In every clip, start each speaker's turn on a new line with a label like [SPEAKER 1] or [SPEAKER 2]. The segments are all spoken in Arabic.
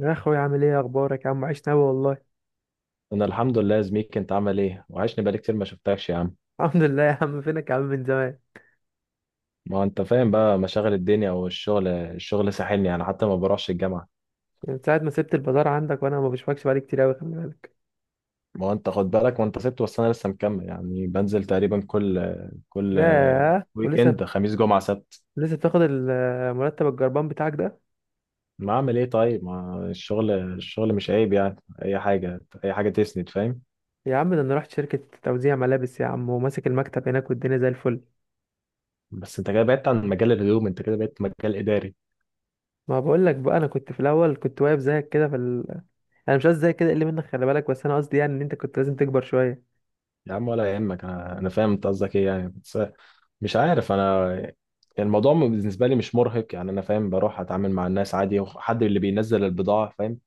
[SPEAKER 1] يا اخويا، عامل ايه؟ اخبارك يا عم؟ عشنا قوي والله.
[SPEAKER 2] انا الحمد لله يا زميكي، انت عامل ايه؟ وحشني بقالي كتير ما شفتكش يا عم.
[SPEAKER 1] الحمد لله يا عم، فينك يا عم من زمان؟
[SPEAKER 2] ما هو انت فاهم بقى مشاغل الدنيا، والشغل الشغل ساحلني يعني، حتى ما بروحش الجامعه.
[SPEAKER 1] يعني من ساعه ما سبت البازار عندك وانا ما بشوفكش بقالي كتير قوي، خلي بالك.
[SPEAKER 2] ما هو انت خد بالك، ما انت سبت، بس انا لسه مكمل يعني، بنزل تقريبا كل كل
[SPEAKER 1] ياه،
[SPEAKER 2] ويك
[SPEAKER 1] ولسه؟
[SPEAKER 2] اند، خميس جمعه سبت.
[SPEAKER 1] لسه بتاخد المرتب الجربان بتاعك ده؟
[SPEAKER 2] ما اعمل ايه طيب؟ ما الشغل الشغل مش عيب يعني، اي حاجه اي حاجه تسند فاهم.
[SPEAKER 1] يا عم ده انا رحت شركه توزيع ملابس يا عم، وماسك المكتب هناك والدنيا زي الفل.
[SPEAKER 2] بس انت كده بعدت عن مجال الهدوم، انت كده بقيت مجال اداري.
[SPEAKER 1] ما بقول لك بقى، انا كنت في الاول كنت واقف زيك كده في ال... آه، انا مش قصدي زيك كده اللي منك، خلي بالك، بس انا قصدي يعني ان انت كنت لازم تكبر شويه.
[SPEAKER 2] يا عم ولا يهمك، انا فاهم انت قصدك ايه يعني، بس مش عارف انا يعني. الموضوع بالنسبه لي مش مرهق يعني، انا فاهم بروح اتعامل مع الناس عادي، وحد اللي بينزل البضاعه فاهم.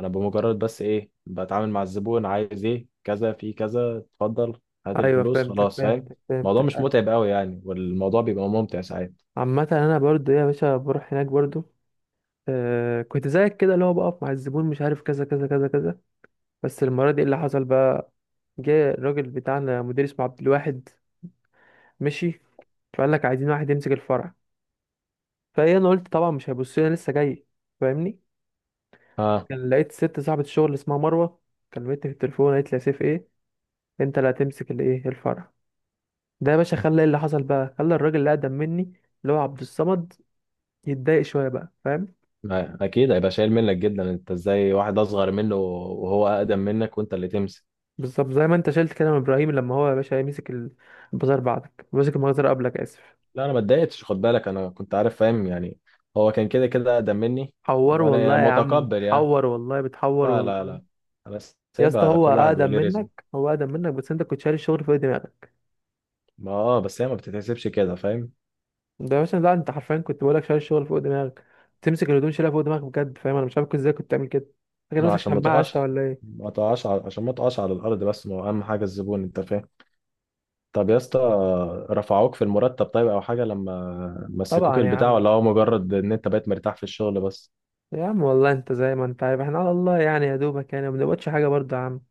[SPEAKER 2] انا بمجرد بس ايه، بتعامل مع الزبون عايز ايه كذا في كذا، اتفضل هات
[SPEAKER 1] ايوه
[SPEAKER 2] الفلوس
[SPEAKER 1] فهمتك
[SPEAKER 2] خلاص فاهم.
[SPEAKER 1] فهمتك
[SPEAKER 2] الموضوع مش
[SPEAKER 1] فهمتك.
[SPEAKER 2] متعب قوي يعني، والموضوع بيبقى ممتع ساعات.
[SPEAKER 1] عامه انا برضو يا باشا بروح هناك برضو. آه كنت زيك كده، اللي هو بقف مع الزبون مش عارف كذا كذا كذا كذا. بس المرة دي إيه اللي حصل بقى؟ جه الراجل بتاعنا مدير اسمه عبد الواحد. مشي. فقال لك عايزين واحد يمسك الفرع. فايه انا قلت طبعا مش هيبص لي أنا لسه جاي. فاهمني؟
[SPEAKER 2] اه.
[SPEAKER 1] كان لقيت ست صاحبة الشغل اسمها مروة كلمتني في التليفون، قالت لي يا سيف ايه، انت اللي هتمسك الايه الفرع ده يا باشا. خلى ايه اللي حصل بقى؟ خلى الراجل اللي اقدم مني، اللي هو عبد الصمد، يتضايق شوية بقى، فاهم؟
[SPEAKER 2] اكيد هيبقى شايل منك جدا، انت ازاي واحد اصغر منه، وهو اقدم منك وانت اللي تمسك.
[SPEAKER 1] بالظبط زي ما انت شلت كده من ابراهيم لما هو يا باشا مسك البازار بعدك، مسك المجزرة قبلك، اسف.
[SPEAKER 2] لا انا ما اتضايقتش، خد بالك انا كنت عارف فاهم يعني، هو كان كده كده اقدم مني.
[SPEAKER 1] حور
[SPEAKER 2] وانا يعني
[SPEAKER 1] والله يا عم،
[SPEAKER 2] متقبل يعني.
[SPEAKER 1] بتحور والله، بتحور
[SPEAKER 2] لا لا
[SPEAKER 1] والله.
[SPEAKER 2] لا، انا
[SPEAKER 1] يا اسطى
[SPEAKER 2] سايبها،
[SPEAKER 1] هو
[SPEAKER 2] كل واحد
[SPEAKER 1] اقدم
[SPEAKER 2] وليه رزق.
[SPEAKER 1] منك، هو اقدم منك، بس انت كنت شايل الشغل فوق دماغك.
[SPEAKER 2] ما اه، بس هي ما بتتحسبش كده فاهم.
[SPEAKER 1] ده يا باشا لا، انت حرفيا كنت بقولك شايل الشغل فوق دماغك. تمسك الهدوم شايلها فوق دماغك بجد، فاهم؟ انا مش عارف كنت ازاي كنت تعمل كده. فاكر
[SPEAKER 2] ما
[SPEAKER 1] نفسك
[SPEAKER 2] عشان ما
[SPEAKER 1] شماعة يا
[SPEAKER 2] تقعش،
[SPEAKER 1] اسطى ولا ايه؟
[SPEAKER 2] ما تقعش عشان ما تقعش على الارض، بس ما هو اهم حاجه الزبون انت فاهم. طب يا اسطى، رفعوك في المرتب طيب او حاجه لما
[SPEAKER 1] طبعا
[SPEAKER 2] مسكوك
[SPEAKER 1] يا
[SPEAKER 2] البتاع؟
[SPEAKER 1] عم.
[SPEAKER 2] ولا هو مجرد ان انت بقيت مرتاح في الشغل بس؟
[SPEAKER 1] يا عم والله انت زي ما انت عارف احنا على الله يعني، يا دوبك يعني ما بنقبضش حاجة برضه يا عم.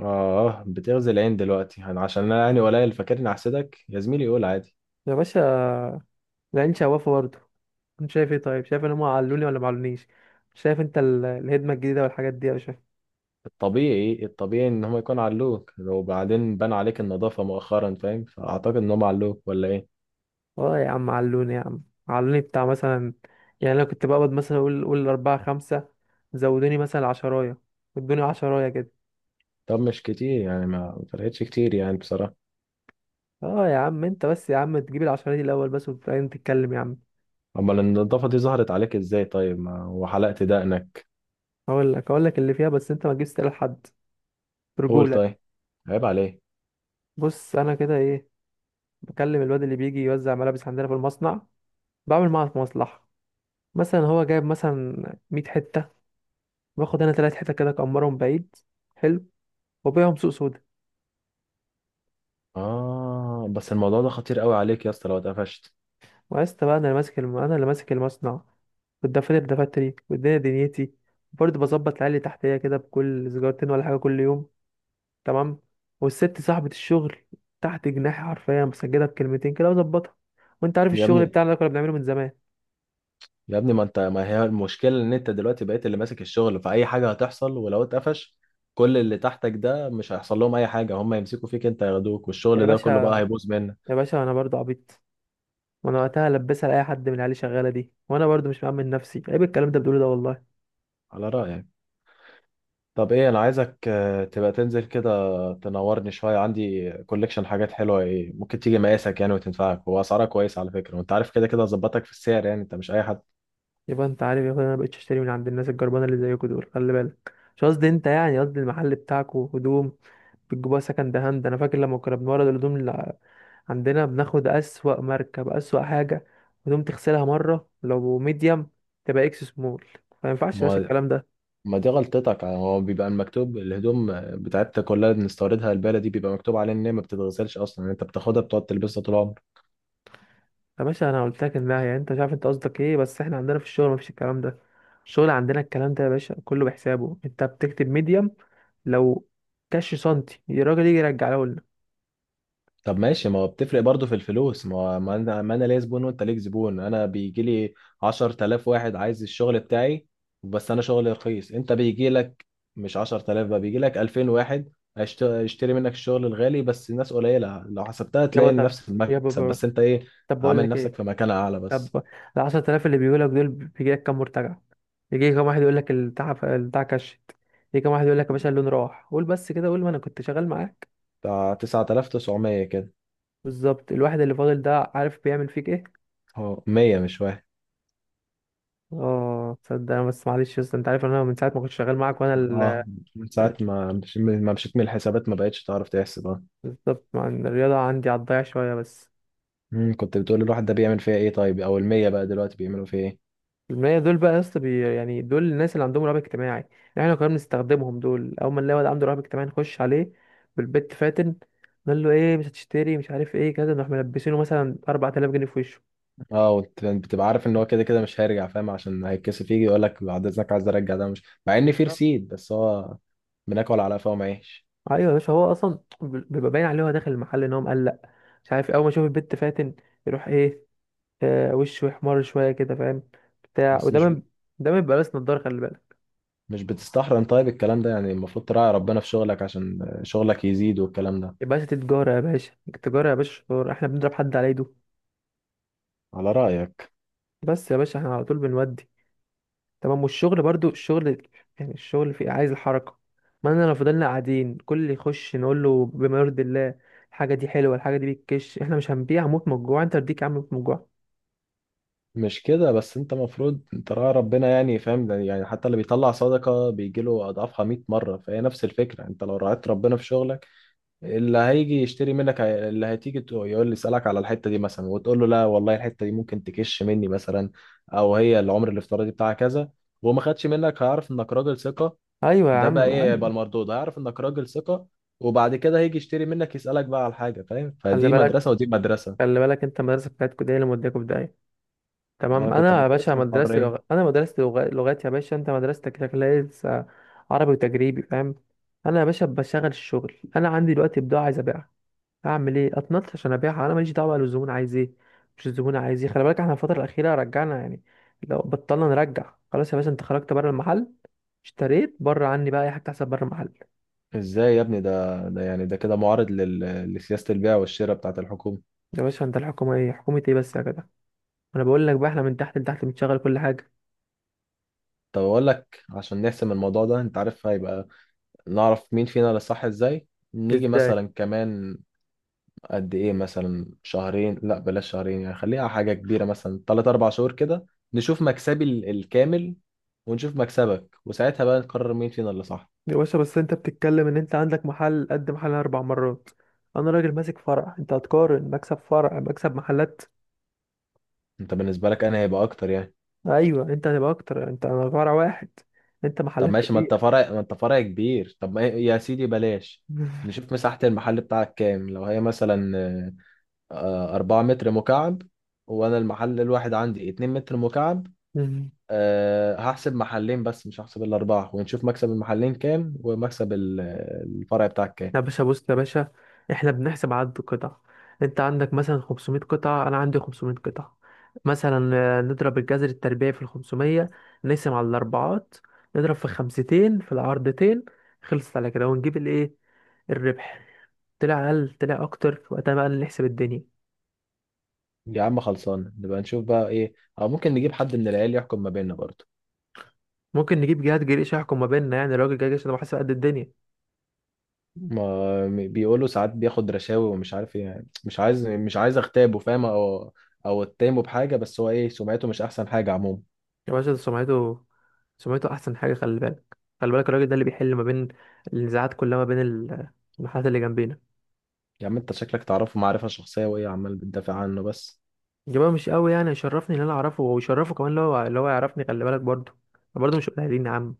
[SPEAKER 2] اه بتغزي العين دلوقتي يعني عشان انا يعني قليل؟ فاكرني احسدك يا زميلي؟ قول عادي.
[SPEAKER 1] يا باشا، العين شوافة برضه. انت شايف ايه طيب؟ شايف ان هم علوني ولا ما علونيش؟ شايف انت الهدمه الجديده والحاجات دي؟ يا شايف.
[SPEAKER 2] الطبيعي الطبيعي ان هم يكون علوك، وبعدين بان عليك النظافه مؤخرا فاهم، فاعتقد ان هم علوك ولا ايه؟
[SPEAKER 1] اه يا عم علوني يا عم. علوني بتاع مثلا، يعني انا كنت بقبض مثلا، اقول اربعة خمسة، زودوني مثلا عشراية. ادوني عشراية كده.
[SPEAKER 2] طب مش كتير يعني، ما فرقتش كتير يعني بصراحة.
[SPEAKER 1] اه يا عم، انت بس يا عم تجيب العشراية دي الاول بس وبعدين تتكلم يا عم.
[SPEAKER 2] امال النضافة دي ظهرت عليك ازاي طيب؟ ما وحلقت دقنك.
[SPEAKER 1] اقول لك اقول لك اللي فيها، بس انت ما تجيبش تقول لحد.
[SPEAKER 2] قول
[SPEAKER 1] برجولة.
[SPEAKER 2] طيب، عيب عليك.
[SPEAKER 1] بص انا كده ايه، بكلم الواد اللي بيجي يوزع ملابس عندنا في المصنع، بعمل معاه مصلحة. مثلا هو جايب مثلا 100 حتة، باخد انا تلات حتت كده اكمرهم بعيد. حلو. وبيعهم سوق سودا.
[SPEAKER 2] اه بس الموضوع ده خطير قوي عليك يا اسطى لو اتقفشت.
[SPEAKER 1] وعشت بقى. انا اللي ماسك انا اللي ماسك المصنع، والدفاتر دفاتري والدنيا دنيتي. برضه بظبط العيال اللي تحتيا كده بكل سيجارتين ولا حاجة كل يوم. تمام. والست صاحبة الشغل تحت جناحي حرفيا، مسجلها بكلمتين كده وظبطها. وانت عارف
[SPEAKER 2] يا
[SPEAKER 1] الشغل
[SPEAKER 2] ابني،
[SPEAKER 1] بتاعنا ده كنا بنعمله من زمان.
[SPEAKER 2] يا ابني ما انت، ما هي المشكلة ان انت دلوقتي بقيت اللي ماسك الشغل، فأي حاجة هتحصل ولو اتقفش، كل اللي تحتك ده مش هيحصل لهم اي حاجة، هم يمسكوا فيك انت، ياخدوك،
[SPEAKER 1] يا
[SPEAKER 2] والشغل ده
[SPEAKER 1] باشا،
[SPEAKER 2] كله بقى هيبوظ منك.
[SPEAKER 1] يا باشا انا برضه عبيط. وانا وقتها لبسها لاي حد من العيال اللي شغاله دي، وانا برضه مش مأمن نفسي، عيب الكلام ده بتقوله ده والله.
[SPEAKER 2] على رأيك. طب ايه، انا عايزك تبقى تنزل كده، تنورني شوية. عندي كوليكشن حاجات حلوة ايه، ممكن تيجي مقاسك يعني وتنفعك، واسعارها كويسة على فكرة، وانت عارف كده كده ظبطك في السعر يعني، انت مش اي حد.
[SPEAKER 1] يبقى انت عارف يا اخويا، انا مبقتش اشتري من عند الناس الجربانه اللي زيكوا دول، خلي بالك مش قصدي انت يعني، قصدي المحل بتاعكوا هدوم بتجيبوها سكند هاند. انا فاكر لما كنا بنورد الهدوم اللي عندنا، بناخد اسوأ ماركه باسوأ حاجه، هدوم تغسلها مره لو ميديم تبقى اكس سمول. ما ينفعش
[SPEAKER 2] ما
[SPEAKER 1] يا باشا
[SPEAKER 2] هو-
[SPEAKER 1] الكلام ده.
[SPEAKER 2] ما دي غلطتك يعني، هو بيبقى المكتوب، الهدوم بتاعتنا كلها اللي بنستوردها البالة دي بيبقى مكتوب عليها ان هي ما بتتغسلش اصلا يعني، انت بتاخدها بتقعد تلبسها طول عمرك.
[SPEAKER 1] يا باشا انا قلت لك انها يعني انت مش عارف انت قصدك ايه، بس احنا عندنا في الشغل مفيش الكلام ده. الشغل عندنا الكلام ده يا باشا كله بحسابه. انت بتكتب ميديم، لو كاش سنتي الراجل يجي يرجعه لنا.
[SPEAKER 2] طب ماشي، ما هو بتفرق برضه في الفلوس، ما هو ما انا ليا زبون وانت ليك زبون. انا بيجي لي 10,000 واحد عايز الشغل بتاعي، بس انا شغلي رخيص. انت بيجي لك مش 10,000 بقى، بيجي لك 2000 واحد هيشتري منك الشغل الغالي، بس الناس قليلة. لو حسبتها
[SPEAKER 1] يابا
[SPEAKER 2] تلاقي
[SPEAKER 1] طب،
[SPEAKER 2] نفس المكسب،
[SPEAKER 1] يابا
[SPEAKER 2] بس انت ايه،
[SPEAKER 1] طب بقول
[SPEAKER 2] عامل
[SPEAKER 1] لك
[SPEAKER 2] نفسك
[SPEAKER 1] ايه.
[SPEAKER 2] في مكان اعلى بس.
[SPEAKER 1] طب ال 10,000 اللي بيقولك دول بيجي لك كام مرتجع؟ يجي كام واحد يقول لك البتاع البتاع كشت؟ يجي كام واحد يقول لك يا باشا اللون راح؟ قول بس كده، قول، ما انا كنت شغال معاك.
[SPEAKER 2] بتاع 9,900 كده،
[SPEAKER 1] بالظبط. الواحد اللي فاضل ده عارف بيعمل فيك ايه؟
[SPEAKER 2] هو 100 مش واحد.
[SPEAKER 1] اه تصدق، انا بس معلش يا اسطى، انت عارف ان انا من ساعه ما كنت شغال معاك وانا
[SPEAKER 2] اه، من ساعة ما ما مشيت من الحسابات، ما بقتش تعرف تحسب.
[SPEAKER 1] بالظبط، مع إن الرياضه عندي على الضيع شويه بس.
[SPEAKER 2] كنت بتقول الواحد ده بيعمل فيها ايه طيب، او المية بقى دلوقتي بيعملوا فيها ايه؟
[SPEAKER 1] المية دول بقى يا اسطى، يعني دول الناس اللي عندهم رهاب اجتماعي. يعني احنا كنا بنستخدمهم دول، اول ما نلاقي واحد عنده رهاب اجتماعي نخش عليه بالبت فاتن، نقول له ايه مش هتشتري مش عارف ايه كذا، نروح ملبسينه مثلا 4000 جنيه في وشه.
[SPEAKER 2] اه بتبقى عارف ان هو كده كده مش هيرجع فاهم، عشان هيتكسف يجي يقول لك بعد اذنك عايز ارجع، ده مش مع ان في
[SPEAKER 1] بالظبط.
[SPEAKER 2] رسيد، بس هو بناكل على قفا ومعيش.
[SPEAKER 1] ايوه يا باشا، هو اصلا بيبقى باين عليه هو داخل المحل ان هو مقلق، مش عارف، اول ما يشوف البت فاتن يروح ايه، وشه يحمر شويه كده، فاهم؟ بتاع
[SPEAKER 2] بس
[SPEAKER 1] وده
[SPEAKER 2] مش ب...
[SPEAKER 1] من، ده ما بيبقى لابس نضاره، خلي بالك.
[SPEAKER 2] مش بتستحرم طيب الكلام ده يعني؟ المفروض تراعي ربنا في شغلك عشان شغلك يزيد، والكلام ده.
[SPEAKER 1] يا باشا دي تجاره يا باشا، التجاره يا باشا شطار، احنا بنضرب حد على ايده؟
[SPEAKER 2] على رأيك.
[SPEAKER 1] بس يا باشا احنا على طول بنودي. تمام. والشغل برضو الشغل، يعني الشغل في عايز الحركة. ما انا لو فضلنا قاعدين كل اللي يخش نقول له بما يرضي الله، الحاجة دي حلوة الحاجة دي بتكش، احنا مش هنبيع، موت من الجوع. انت رديك يا عم، موت من الجوع.
[SPEAKER 2] مش كده بس، انت المفروض تراعي ربنا يعني فاهم، ده يعني حتى اللي بيطلع صدقة بيجيله اضعافها 100 مرة، فهي نفس الفكرة. انت لو راعيت ربنا في شغلك، اللي هيجي يشتري منك اللي هتيجي يقول لي اسالك على الحته دي مثلا، وتقول له لا والله الحته دي ممكن تكش مني مثلا، او هي العمر الافتراضي بتاعها كذا، وهو ما خدش منك هيعرف انك راجل ثقه.
[SPEAKER 1] ايوه يا
[SPEAKER 2] ده بقى
[SPEAKER 1] عم،
[SPEAKER 2] ايه، يبقى
[SPEAKER 1] ايوه.
[SPEAKER 2] المردود، هيعرف انك راجل ثقه، وبعد كده هيجي يشتري منك، يسالك بقى على حاجه فاهم.
[SPEAKER 1] خلي
[SPEAKER 2] فدي
[SPEAKER 1] بالك،
[SPEAKER 2] مدرسه ودي مدرسه.
[SPEAKER 1] خلي بالك انت، المدرسة بتاعتكوا دي اللي مودياكوا في داهية.
[SPEAKER 2] انا
[SPEAKER 1] تمام.
[SPEAKER 2] كنت في
[SPEAKER 1] انا يا باشا
[SPEAKER 2] مدرسه
[SPEAKER 1] مدرستي
[SPEAKER 2] الحريه.
[SPEAKER 1] لغ... انا مدرستي لغ... لغات يا باشا، انت مدرستك شكلها إيه؟ عربي وتجريبي، فاهم؟ انا يا باشا بشغل الشغل، انا عندي دلوقتي بضاعة عايز ابيعها، اعمل ايه؟ اتنطش عشان ابيعها، انا ماليش دعوه بقى الزبون عايز ايه. مش الزبون عايز ايه، خلي بالك. احنا الفتره الاخيره رجعنا يعني، لو بطلنا نرجع خلاص. يا باشا انت خرجت بره المحل، اشتريت بره عني، بقى اي حاجه تحصل بره المحل.
[SPEAKER 2] ازاي يا ابني، ده يعني ده كده معارض لسياسه البيع والشراء بتاعت الحكومه.
[SPEAKER 1] يا باشا انت الحكومه ايه؟ حكومه ايه بس يا جدع؟ انا بقول لك بقى، احنا من تحت لتحت بنشغل كل حاجه.
[SPEAKER 2] طب اقول لك عشان نحسم الموضوع ده، انت عارف هيبقى نعرف مين فينا اللي صح ازاي؟ نيجي
[SPEAKER 1] ازاي
[SPEAKER 2] مثلا كمان، قد ايه مثلا، شهرين لا بلاش شهرين يعني، خليها حاجة كبيرة مثلا تلات أربع شهور كده. نشوف مكسبي الكامل، ونشوف مكسبك، وساعتها بقى نقرر مين فينا اللي صح.
[SPEAKER 1] يا باشا؟ بس انت بتتكلم ان انت عندك محل قد محل اربع مرات، انا راجل ماسك فرع، انت هتقارن مكسب فرع مكسب محلات؟
[SPEAKER 2] انت بالنسبة لك انا هيبقى اكتر يعني.
[SPEAKER 1] ايوه انت هتبقى اكتر، انت انا فرع واحد، انت
[SPEAKER 2] طب
[SPEAKER 1] محلات
[SPEAKER 2] ماشي، ما انت
[SPEAKER 1] كتير.
[SPEAKER 2] فرع، ما انت فرع كبير، طب ما يا سيدي بلاش. نشوف مساحة المحل بتاعك كام، لو هي مثلا أربعة متر مكعب، وأنا المحل الواحد عندي اتنين متر مكعب. أه هحسب محلين بس مش هحسب الأربعة، ونشوف مكسب المحلين كام ومكسب الفرع بتاعك كام.
[SPEAKER 1] يا باشا بص يا باشا، احنا بنحسب عدد القطع. انت عندك مثلا 500 قطعة، انا عندي 500 قطعة مثلا، نضرب الجذر التربيعي في ال 500، نقسم على الاربعات، نضرب في خمستين في العرضتين، خلصت على كده ونجيب الايه، الربح. طلع اقل طلع اكتر، وقتها بقى نحسب الدنيا.
[SPEAKER 2] يا عم خلصان، نبقى نشوف بقى إيه. أو ممكن نجيب حد من العيال يحكم ما بيننا برضه.
[SPEAKER 1] ممكن نجيب جهات جريش يحكم ما بيننا، يعني الراجل جاي عشان هو حاسب قد الدنيا.
[SPEAKER 2] ما بيقولوا ساعات بياخد رشاوي ومش عارف إيه يعني، مش عايز مش عايز أغتابه فاهم، أو أتهمه بحاجة، بس هو إيه، سمعته مش أحسن حاجة عموما.
[SPEAKER 1] يا باشا ده سمعته، سمعته احسن حاجة، خلي بالك. خلي بالك الراجل ده اللي بيحل ما بين النزاعات كلها ما بين المحلات اللي جنبينا.
[SPEAKER 2] يا عم أنت شكلك تعرفه معرفة شخصية، وإيه عمال بتدافع عنه بس.
[SPEAKER 1] جماعة مش قوي يعني، يشرفني ان انا اعرفه ويشرفه كمان لو اللي هو يعرفني، خلي بالك برضه. أنا برضه مش قليلين يا عم.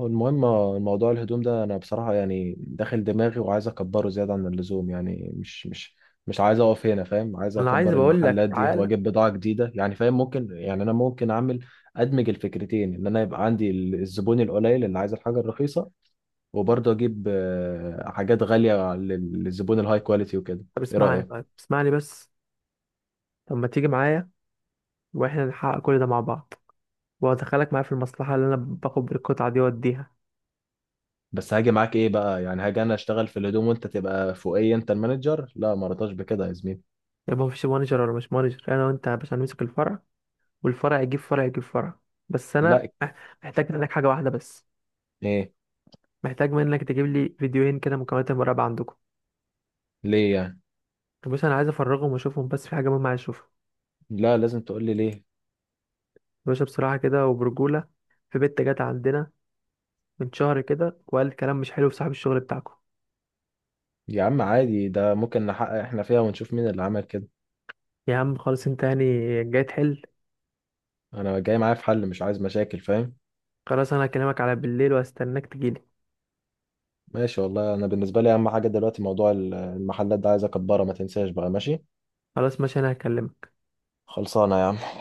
[SPEAKER 2] هو المهم الموضوع الهدوم ده، انا بصراحة يعني داخل دماغي وعايز اكبره زيادة عن اللزوم يعني، مش عايز اقف هنا فاهم، عايز
[SPEAKER 1] انا عايز
[SPEAKER 2] اكبر
[SPEAKER 1] بقول لك
[SPEAKER 2] المحلات دي
[SPEAKER 1] تعالى،
[SPEAKER 2] واجيب بضاعة جديدة يعني فاهم، ممكن يعني انا ممكن اعمل ادمج الفكرتين، ان انا يبقى عندي الزبون القليل اللي عايز الحاجة الرخيصة، وبرضه اجيب حاجات غالية للزبون الهاي كواليتي وكده.
[SPEAKER 1] طب
[SPEAKER 2] ايه
[SPEAKER 1] اسمعني
[SPEAKER 2] رأيك؟
[SPEAKER 1] طيب، اسمعني بس. طب ما تيجي معايا، واحنا نحقق كل ده مع بعض، وادخلك معايا في المصلحة اللي انا باخد بالقطعة دي واديها.
[SPEAKER 2] بس هاجي معاك ايه بقى يعني؟ هاجي انا اشتغل في الهدوم وانت تبقى فوقي انت المانجر؟ لا ما رضاش بكده يا زميلي.
[SPEAKER 1] يبقى مفيش مانجر ولا مش مانجر، انا وانت باش هنمسك الفرع، والفرع يجيب فرع يجيب فرع. بس انا
[SPEAKER 2] لا.
[SPEAKER 1] محتاج منك حاجة واحدة بس.
[SPEAKER 2] ايه؟
[SPEAKER 1] محتاج منك تجيب لي فيديوهين كده مكالمات المراقبة عندكم.
[SPEAKER 2] ليه يعني؟
[SPEAKER 1] بص انا عايز افرغهم واشوفهم، بس في حاجة مهمة عايز اشوفها.
[SPEAKER 2] لا لازم تقول لي ليه.
[SPEAKER 1] باشا بصراحة كده وبرجولة، في بنت جت عندنا من شهر كده، وقالت كلام مش حلو في صاحب الشغل بتاعكم.
[SPEAKER 2] يا عم عادي، ده ممكن نحقق احنا فيها ونشوف مين اللي عمل كده.
[SPEAKER 1] يا عم خلاص، انت يعني جاي تحل.
[SPEAKER 2] انا جاي معايا في حل مش عايز مشاكل فاهم.
[SPEAKER 1] خلاص انا هكلمك على بالليل وهستناك تجيلي.
[SPEAKER 2] ماشي، والله انا بالنسبه لي اهم حاجه دلوقتي موضوع المحلات ده، عايز اكبرها، ما تنساش بقى ماشي.
[SPEAKER 1] خلاص ماشي، انا هكلمك.
[SPEAKER 2] خلصانه يا عم.